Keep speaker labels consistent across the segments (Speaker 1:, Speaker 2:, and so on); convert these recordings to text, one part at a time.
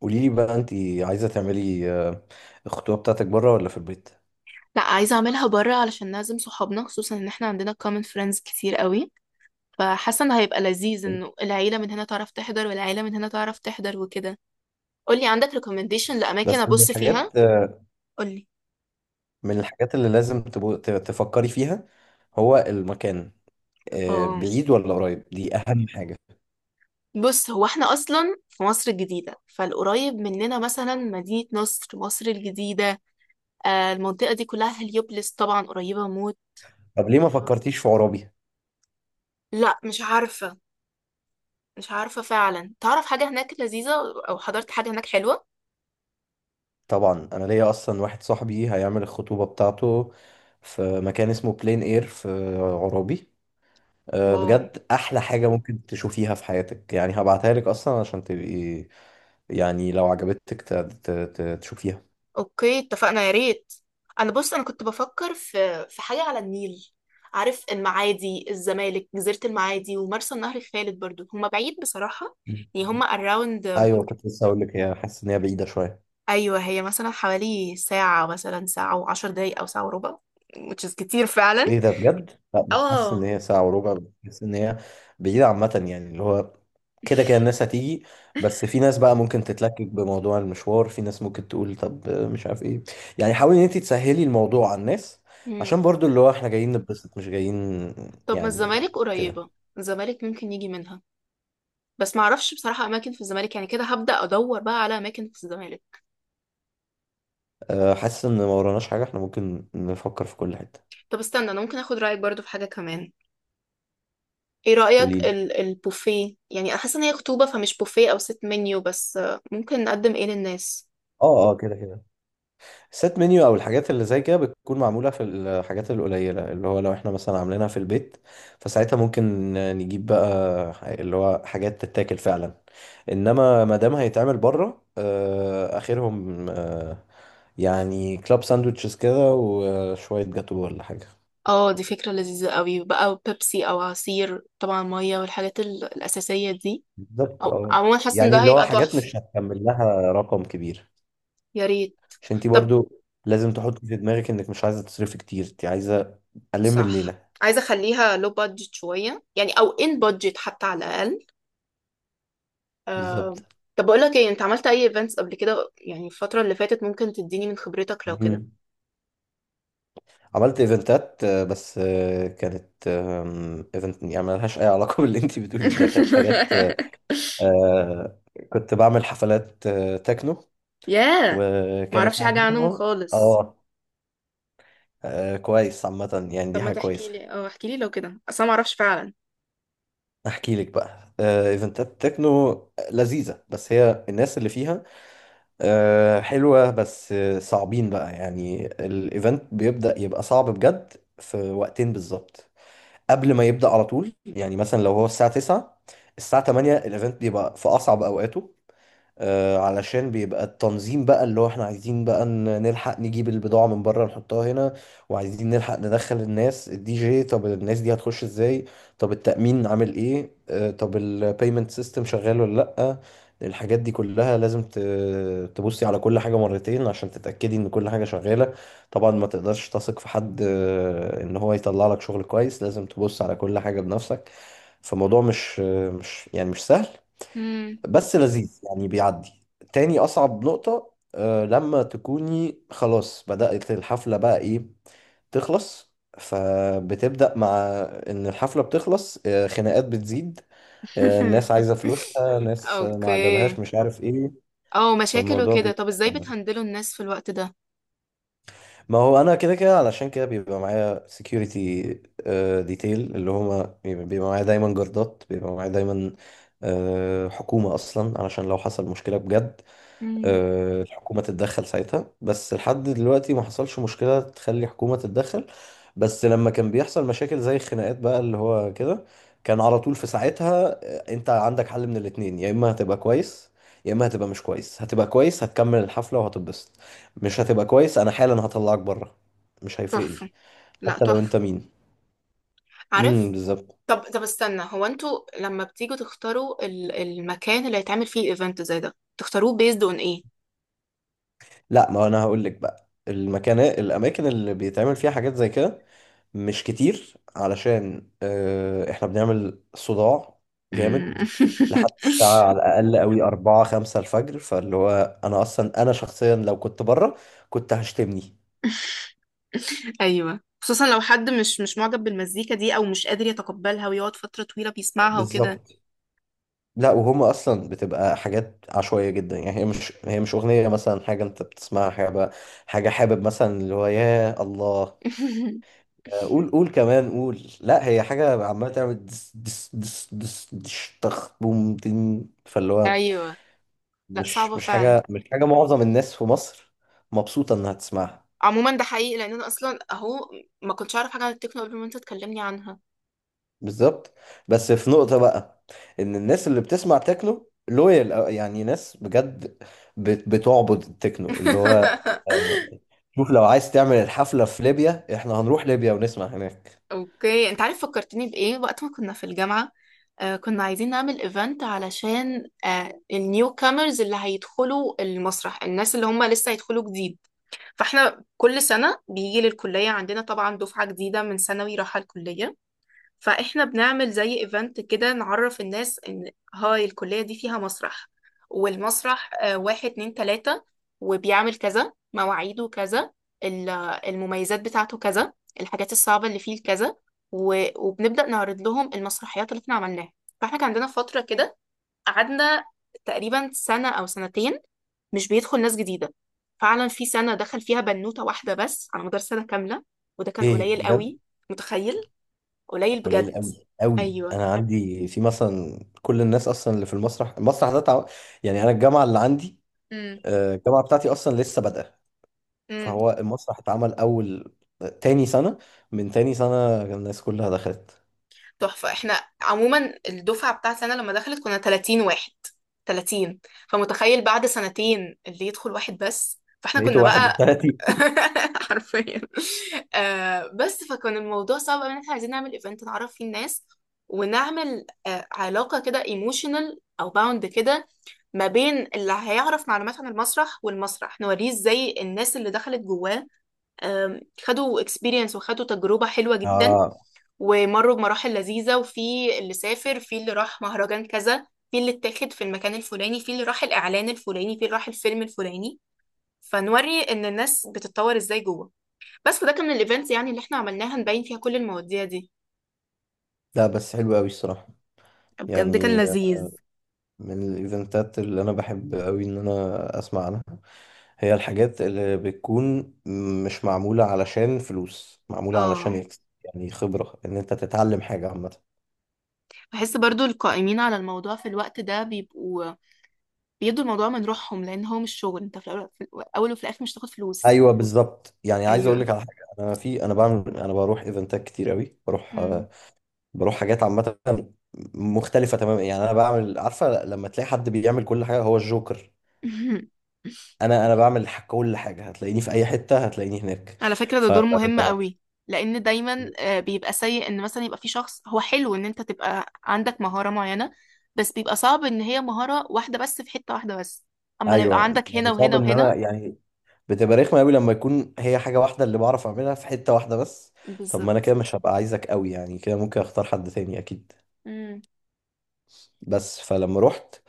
Speaker 1: قولي لي بقى انت عايزه تعملي الخطوبه بتاعتك بره ولا في البيت؟
Speaker 2: لا، عايزة اعملها بره علشان نعزم صحابنا، خصوصا ان احنا عندنا common friends كتير قوي. فحاسة ان هيبقى لذيذ انه العيلة من هنا تعرف تحضر، والعيلة من هنا تعرف تحضر وكده. قولي عندك recommendation لأماكن
Speaker 1: بس من
Speaker 2: ابص فيها.
Speaker 1: الحاجات،
Speaker 2: قولي.
Speaker 1: اللي لازم تفكري فيها هو المكان،
Speaker 2: اه،
Speaker 1: بعيد ولا قريب، دي اهم حاجه.
Speaker 2: بص، هو احنا اصلا في مصر الجديدة، فالقريب مننا مثلا مدينة نصر، مصر الجديدة. المنطقة دي كلها هليوبلس، طبعا قريبة موت.
Speaker 1: طب ليه ما فكرتيش في عرابي؟
Speaker 2: لا، مش عارفة. مش عارفة فعلا، تعرف حاجة هناك لذيذة، او حضرت حاجة هناك حلوة؟
Speaker 1: طبعا انا ليا اصلا واحد صاحبي هيعمل الخطوبه بتاعته في مكان اسمه بلين اير في عرابي.
Speaker 2: واو.
Speaker 1: بجد احلى حاجه ممكن تشوفيها في حياتك، يعني هبعتها لك اصلا عشان تبقي يعني لو عجبتك تشوفيها.
Speaker 2: اوكي، اتفقنا، يا ريت. انا بص، انا كنت بفكر في حاجه على النيل. عارف المعادي، الزمالك، جزيره المعادي، ومرسى النهر الخالد، برضو هما بعيد بصراحه. يعني هما اراوند.
Speaker 1: ايوه، كنت لسه هقول لك، هي حاسس ان هي بعيده شويه.
Speaker 2: ايوه، هي مثلا حوالي ساعه، مثلا ساعه وعشر دقايق او ساعه وربع، which is كتير فعلا.
Speaker 1: ايه ده، بجد؟ لا، مش حاسس ان
Speaker 2: اه.
Speaker 1: هي ساعه وربع، بس حاسس ان هي بعيده عامه، يعني اللي هو كده كده الناس هتيجي. بس في ناس بقى ممكن تتلكك بموضوع المشوار، في ناس ممكن تقول طب مش عارف ايه، يعني حاولي ان انت تسهلي الموضوع على الناس
Speaker 2: مم.
Speaker 1: عشان برضو اللي هو احنا جايين نتبسط، مش جايين
Speaker 2: طب ما
Speaker 1: يعني
Speaker 2: الزمالك
Speaker 1: كده.
Speaker 2: قريبه، الزمالك ممكن يجي منها. بس معرفش بصراحه اماكن في الزمالك، يعني كده هبدا ادور بقى على اماكن في الزمالك.
Speaker 1: حاسس ان ما وراناش حاجه، احنا ممكن نفكر في كل حته.
Speaker 2: طب استنى، انا ممكن اخد رايك برضو في حاجه كمان. ايه رأيك
Speaker 1: قولي لي.
Speaker 2: البوفيه؟ يعني انا حاسه ان هي خطوبة، فمش بوفيه او ست منيو، بس ممكن نقدم ايه للناس؟
Speaker 1: اه، اه، كده كده سيت منيو او الحاجات اللي زي كده بتكون معموله في الحاجات القليله اللي هو لو احنا مثلا عاملينها في البيت، فساعتها ممكن نجيب بقى اللي هو حاجات تتاكل فعلا. انما ما دام هيتعمل بره، اخرهم، يعني كلاب ساندوتشز كده وشويه جاتو ولا حاجه.
Speaker 2: اه دي فكرة لذيذة قوي بقى، بيبسي او عصير طبعا، مية، والحاجات الأساسية دي.
Speaker 1: بالظبط،
Speaker 2: او
Speaker 1: اه،
Speaker 2: عموما حاسه ان
Speaker 1: يعني
Speaker 2: ده
Speaker 1: اللي هو
Speaker 2: هيبقى
Speaker 1: حاجات
Speaker 2: تحفة.
Speaker 1: مش هتكمل لها رقم كبير.
Speaker 2: يا ريت.
Speaker 1: عشان انت
Speaker 2: طب.
Speaker 1: برضو لازم تحطي في دماغك انك مش عايزه تصرفي كتير، انت عايزه الم
Speaker 2: صح.
Speaker 1: الليله
Speaker 2: عايزة اخليها لو بادجت شوية، يعني او ان بادجت حتى على الأقل. آه.
Speaker 1: بالظبط.
Speaker 2: طب بقول لك ايه، انت عملت اي ايفنتس قبل كده؟ يعني الفترة اللي فاتت، ممكن تديني من خبرتك لو كده.
Speaker 1: مم. عملت ايفنتات، بس كانت، ايفنت يعني ملهاش اي علاقه باللي انت بتقوليه، ده كانت حاجات، آه، كنت بعمل حفلات، تكنو،
Speaker 2: ياه.
Speaker 1: وكانت
Speaker 2: معرفش حاجة عنهم
Speaker 1: موضوعها.
Speaker 2: خالص.
Speaker 1: اه، كويس عامه، يعني
Speaker 2: طب
Speaker 1: دي
Speaker 2: ما
Speaker 1: حاجه
Speaker 2: تحكي
Speaker 1: كويسه.
Speaker 2: لي، اه احكي لي لو كده، اصلا ما اعرفش فعلا.
Speaker 1: احكي لك بقى، ايفنتات تكنو لذيذه، بس هي الناس اللي فيها حلوه، بس صعبين بقى، يعني الايفنت بيبدا يبقى صعب بجد في وقتين بالظبط. قبل ما يبدأ على طول، يعني مثلا لو هو الساعة 9، الساعة 8 الايفنت بيبقى في أصعب أوقاته، علشان بيبقى التنظيم بقى اللي هو احنا عايزين بقى نلحق نجيب البضاعة من بره نحطها هنا، وعايزين نلحق ندخل الناس الدي جي، طب الناس دي هتخش ازاي، طب التأمين عامل ايه، طب البيمنت سيستم شغال ولا لأ. الحاجات دي كلها لازم تبصي على كل حاجة مرتين عشان تتأكدي ان كل حاجة شغالة. طبعا ما تقدرش تثق في حد، ان هو يطلع لك شغل كويس، لازم تبص على كل حاجة بنفسك. فالموضوع مش يعني مش سهل،
Speaker 2: مم.
Speaker 1: بس لذيذ يعني بيعدي. تاني أصعب نقطة لما تكوني خلاص بدأت الحفلة بقى إيه، تخلص، فبتبدأ مع إن الحفلة بتخلص، خناقات بتزيد، الناس عايزة فلوسها، ناس ما عجبهاش،
Speaker 2: اوكي.
Speaker 1: مش عارف إيه.
Speaker 2: اه، مشاكل
Speaker 1: فالموضوع
Speaker 2: وكده، طب ازاي بتهندلوا الناس في الوقت ده؟
Speaker 1: ما هو أنا كده كده، علشان كده بيبقى معايا security، detail، اللي هما بيبقى معايا دايما، جردات بيبقى معايا دايما، حكومة أصلا، علشان لو حصل مشكلة بجد
Speaker 2: مم.
Speaker 1: الحكومة تتدخل ساعتها. بس لحد دلوقتي ما حصلش مشكلة تخلي حكومة تتدخل. بس لما كان بيحصل مشاكل زي الخناقات بقى اللي هو كده، كان على طول في ساعتها، انت عندك حل من الاتنين، يا اما هتبقى كويس يا اما هتبقى مش كويس. هتبقى كويس، هتكمل الحفلة وهتتبسط. مش هتبقى كويس، انا حالا هطلعك بره، مش هيفرق لي
Speaker 2: تحفة. لا،
Speaker 1: حتى لو انت
Speaker 2: تحفة.
Speaker 1: مين.
Speaker 2: عارف.
Speaker 1: بالظبط.
Speaker 2: طب استنى، هو انتوا لما بتيجوا تختاروا المكان اللي هيتعمل فيه ايفنت زي ده، تختاروه بيزد اون ايه؟
Speaker 1: لا، ما انا هقول لك بقى الاماكن اللي بيتعمل فيها حاجات زي كده مش كتير، علشان احنا بنعمل صداع
Speaker 2: مم.
Speaker 1: جامد لحد الساعة على الأقل قوي 4 5 الفجر، فاللي هو أنا أصلا، أنا شخصيا لو كنت بره كنت هشتمني.
Speaker 2: ايوه، خصوصا لو حد مش معجب بالمزيكا دي، او مش قادر يتقبلها ويقعد فترة طويلة بيسمعها وكده.
Speaker 1: بالظبط. لا، وهم أصلا بتبقى حاجات عشوائية جدا، يعني هي مش أغنية مثلا حاجة أنت بتسمعها، حاجة حابب مثلا اللي هو يا الله، قول قول كمان قول. لا، هي حاجة عمالة تعمل دس دس دس دس دش طخ بوم تن، فاللي هو
Speaker 2: ايوه. لا،
Speaker 1: مش
Speaker 2: صعبة
Speaker 1: مش
Speaker 2: فعلا.
Speaker 1: حاجة معظم الناس في مصر مبسوطة إنها تسمعها.
Speaker 2: عموما ده حقيقي، لان انا اصلا اهو ما كنتش اعرف حاجة عن التكنو قبل ما انت تكلمني عنها.
Speaker 1: بالظبط. بس في نقطة بقى، إن الناس اللي بتسمع تكنو لويال، يعني ناس بجد بتعبد التكنو، اللي هو آه، شوف، لو عايز تعمل الحفلة في ليبيا إحنا هنروح ليبيا ونسمع هناك.
Speaker 2: اوكي. انت عارف فكرتني بايه؟ وقت ما كنا في الجامعة، آه كنا عايزين نعمل ايفنت علشان آه النيو كامرز اللي هيدخلوا المسرح، الناس اللي هم لسه هيدخلوا جديد. فاحنا كل سنة بيجي للكلية عندنا طبعا دفعة جديدة من ثانوي رايحة الكلية، فاحنا بنعمل زي ايفنت كده نعرف الناس ان هاي الكلية دي فيها مسرح، والمسرح واحد اتنين تلاتة، وبيعمل كذا، مواعيده كذا، ال- المميزات بتاعته كذا، الحاجات الصعبة اللي فيه كذا، وبنبدأ نعرض لهم المسرحيات اللي احنا عملناها. فاحنا كان عندنا فترة كده، قعدنا تقريبا سنة أو سنتين مش بيدخل ناس جديدة. فعلا في سنة دخل فيها بنوتة واحدة بس على مدار سنة كاملة، وده كان
Speaker 1: إيه
Speaker 2: قليل
Speaker 1: بجد،
Speaker 2: قوي. متخيل، قليل
Speaker 1: قليل
Speaker 2: بجد.
Speaker 1: قوي قوي.
Speaker 2: ايوه.
Speaker 1: انا عندي في مثلا كل الناس اصلا اللي في المسرح ده يعني انا الجامعه اللي عندي،
Speaker 2: امم.
Speaker 1: الجامعه بتاعتي اصلا لسه بادئه،
Speaker 2: امم.
Speaker 1: فهو المسرح اتعمل اول تاني سنه، من تاني سنه الناس كلها دخلت.
Speaker 2: تحفة. احنا عموما الدفعة بتاعتي انا لما دخلت كنا 30 واحد، 30. فمتخيل بعد سنتين اللي يدخل واحد بس، فاحنا
Speaker 1: بقيته
Speaker 2: كنا
Speaker 1: واحد
Speaker 2: بقى.
Speaker 1: وثلاثين
Speaker 2: حرفيا. آه. بس فكان الموضوع صعب أوي، ان احنا عايزين نعمل ايفنت نعرف فيه الناس، ونعمل آه علاقة كده ايموشنال او باوند كده ما بين اللي هيعرف معلومات عن المسرح، والمسرح نوريه ازاي الناس اللي دخلت جواه آم، خدوا اكسبيرينس وخدوا تجربة حلوة جدا،
Speaker 1: اه.
Speaker 2: ومروا بمراحل لذيذة. وفي اللي سافر، في اللي راح مهرجان كذا، في اللي اتاخد في المكان الفلاني، في اللي راح الإعلان الفلاني، في اللي راح الفيلم الفلاني. فنوري إن الناس بتتطور إزاي جوه. بس ده كان من الإيفنتس يعني اللي احنا عملناها نبين فيها كل المواضيع دي.
Speaker 1: لا، بس حلو قوي الصراحه،
Speaker 2: بجد كان
Speaker 1: يعني
Speaker 2: لذيذ.
Speaker 1: من الايفنتات اللي انا بحب قوي ان انا اسمع عنها هي الحاجات اللي بتكون مش معمولة علشان فلوس، معمولة علشان
Speaker 2: اه،
Speaker 1: يكسب يعني خبرة، ان انت تتعلم حاجة عامة.
Speaker 2: بحس برضو القائمين على الموضوع في الوقت ده بيبقوا بيدوا الموضوع من روحهم، لأن هو مش شغل، انت في الأول، في الأول وفي الآخر مش تاخد فلوس.
Speaker 1: ايوه بالظبط، يعني عايز اقول
Speaker 2: أيوه.
Speaker 1: لك على حاجة، انا في انا بعمل انا بروح ايفنتات كتير قوي، بروح،
Speaker 2: مم.
Speaker 1: بروح حاجات عامة مختلفة تماما. يعني انا بعمل عارفة لما تلاقي حد بيعمل كل حاجة هو الجوكر، انا بعمل كل حاجة، هتلاقيني في اي حتة هتلاقيني هناك.
Speaker 2: على فكرة ده
Speaker 1: ف
Speaker 2: دور مهم قوي. لأن دايما بيبقى سيء إن مثلا يبقى في شخص، هو حلو إن أنت تبقى عندك مهارة معينة، بس بيبقى صعب إن هي مهارة واحدة بس في حتة واحدة بس. أما لو يبقى
Speaker 1: ايوه،
Speaker 2: عندك هنا
Speaker 1: يعني صعب
Speaker 2: وهنا
Speaker 1: ان
Speaker 2: وهنا.
Speaker 1: انا يعني بتبقى رخمه قوي لما يكون هي حاجه واحده اللي بعرف اعملها في حته واحده بس. طب ما انا كده
Speaker 2: بالظبط.
Speaker 1: مش هبقى عايزك قوي، يعني كده ممكن اختار حد تاني اكيد.
Speaker 2: مم.
Speaker 1: بس فلما رحت،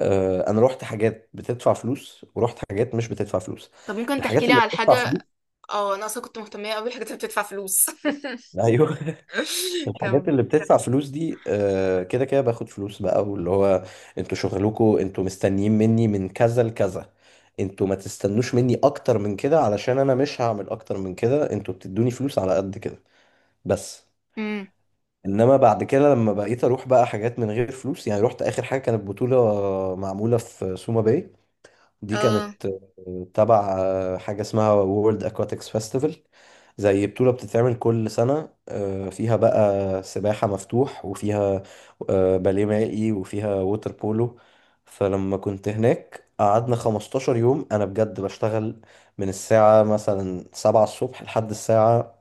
Speaker 1: انا رحت حاجات بتدفع فلوس ورحت حاجات مش بتدفع فلوس.
Speaker 2: طب ممكن تحكي
Speaker 1: الحاجات
Speaker 2: لي
Speaker 1: اللي
Speaker 2: على
Speaker 1: بتدفع
Speaker 2: حاجة؟
Speaker 1: فلوس.
Speaker 2: اه أنا أصلا كنت مهتمة قوي بالحاجات اللي بتدفع فلوس.
Speaker 1: ايوه، الحاجات
Speaker 2: كم؟
Speaker 1: اللي بتدفع فلوس دي، كده كده باخد فلوس بقى، واللي هو انتوا شغلكوا، انتوا مستنيين مني من كذا لكذا، انتوا ما تستنوش مني اكتر من كده علشان انا مش هعمل اكتر من كده، انتوا بتدوني فلوس على قد كده بس.
Speaker 2: امم.
Speaker 1: انما بعد كده لما بقيت اروح بقى حاجات من غير فلوس، يعني رحت اخر حاجة كانت بطولة معمولة في سوما باي، دي
Speaker 2: اه
Speaker 1: كانت تبع حاجة اسمها وورلد اكواتكس فيستيفال، زي بطولة بتتعمل كل سنة، فيها بقى سباحة مفتوح، وفيها باليه مائي، وفيها ووتر بولو. فلما كنت هناك قعدنا 15 يوم أنا بجد بشتغل من الساعة مثلا 7 الصبح لحد الساعة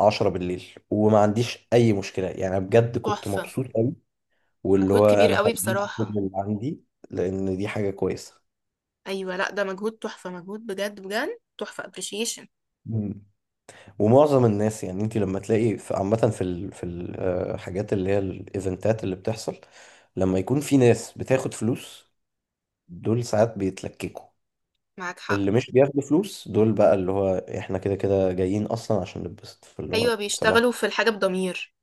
Speaker 1: 10 بالليل وما عنديش أي مشكلة، يعني بجد كنت
Speaker 2: تحفة.
Speaker 1: مبسوط أوي، واللي
Speaker 2: مجهود
Speaker 1: هو
Speaker 2: كبير
Speaker 1: أنا
Speaker 2: قوي
Speaker 1: هديك كل
Speaker 2: بصراحة.
Speaker 1: اللي عندي لأن دي حاجة كويسة.
Speaker 2: أيوة، لأ ده مجهود تحفة، مجهود بجد بجد تحفة، appreciation.
Speaker 1: مم. ومعظم الناس، يعني انت لما تلاقي عامة، في في الحاجات اللي هي الايفنتات اللي بتحصل، لما يكون في ناس بتاخد فلوس دول ساعات بيتلككوا.
Speaker 2: معاك
Speaker 1: اللي
Speaker 2: حق.
Speaker 1: مش بياخدوا فلوس دول بقى اللي هو احنا كده كده جايين اصلا عشان نتبسط، فاللي
Speaker 2: أيوة،
Speaker 1: هو
Speaker 2: بيشتغلوا
Speaker 1: صباح
Speaker 2: في الحاجة بضمير.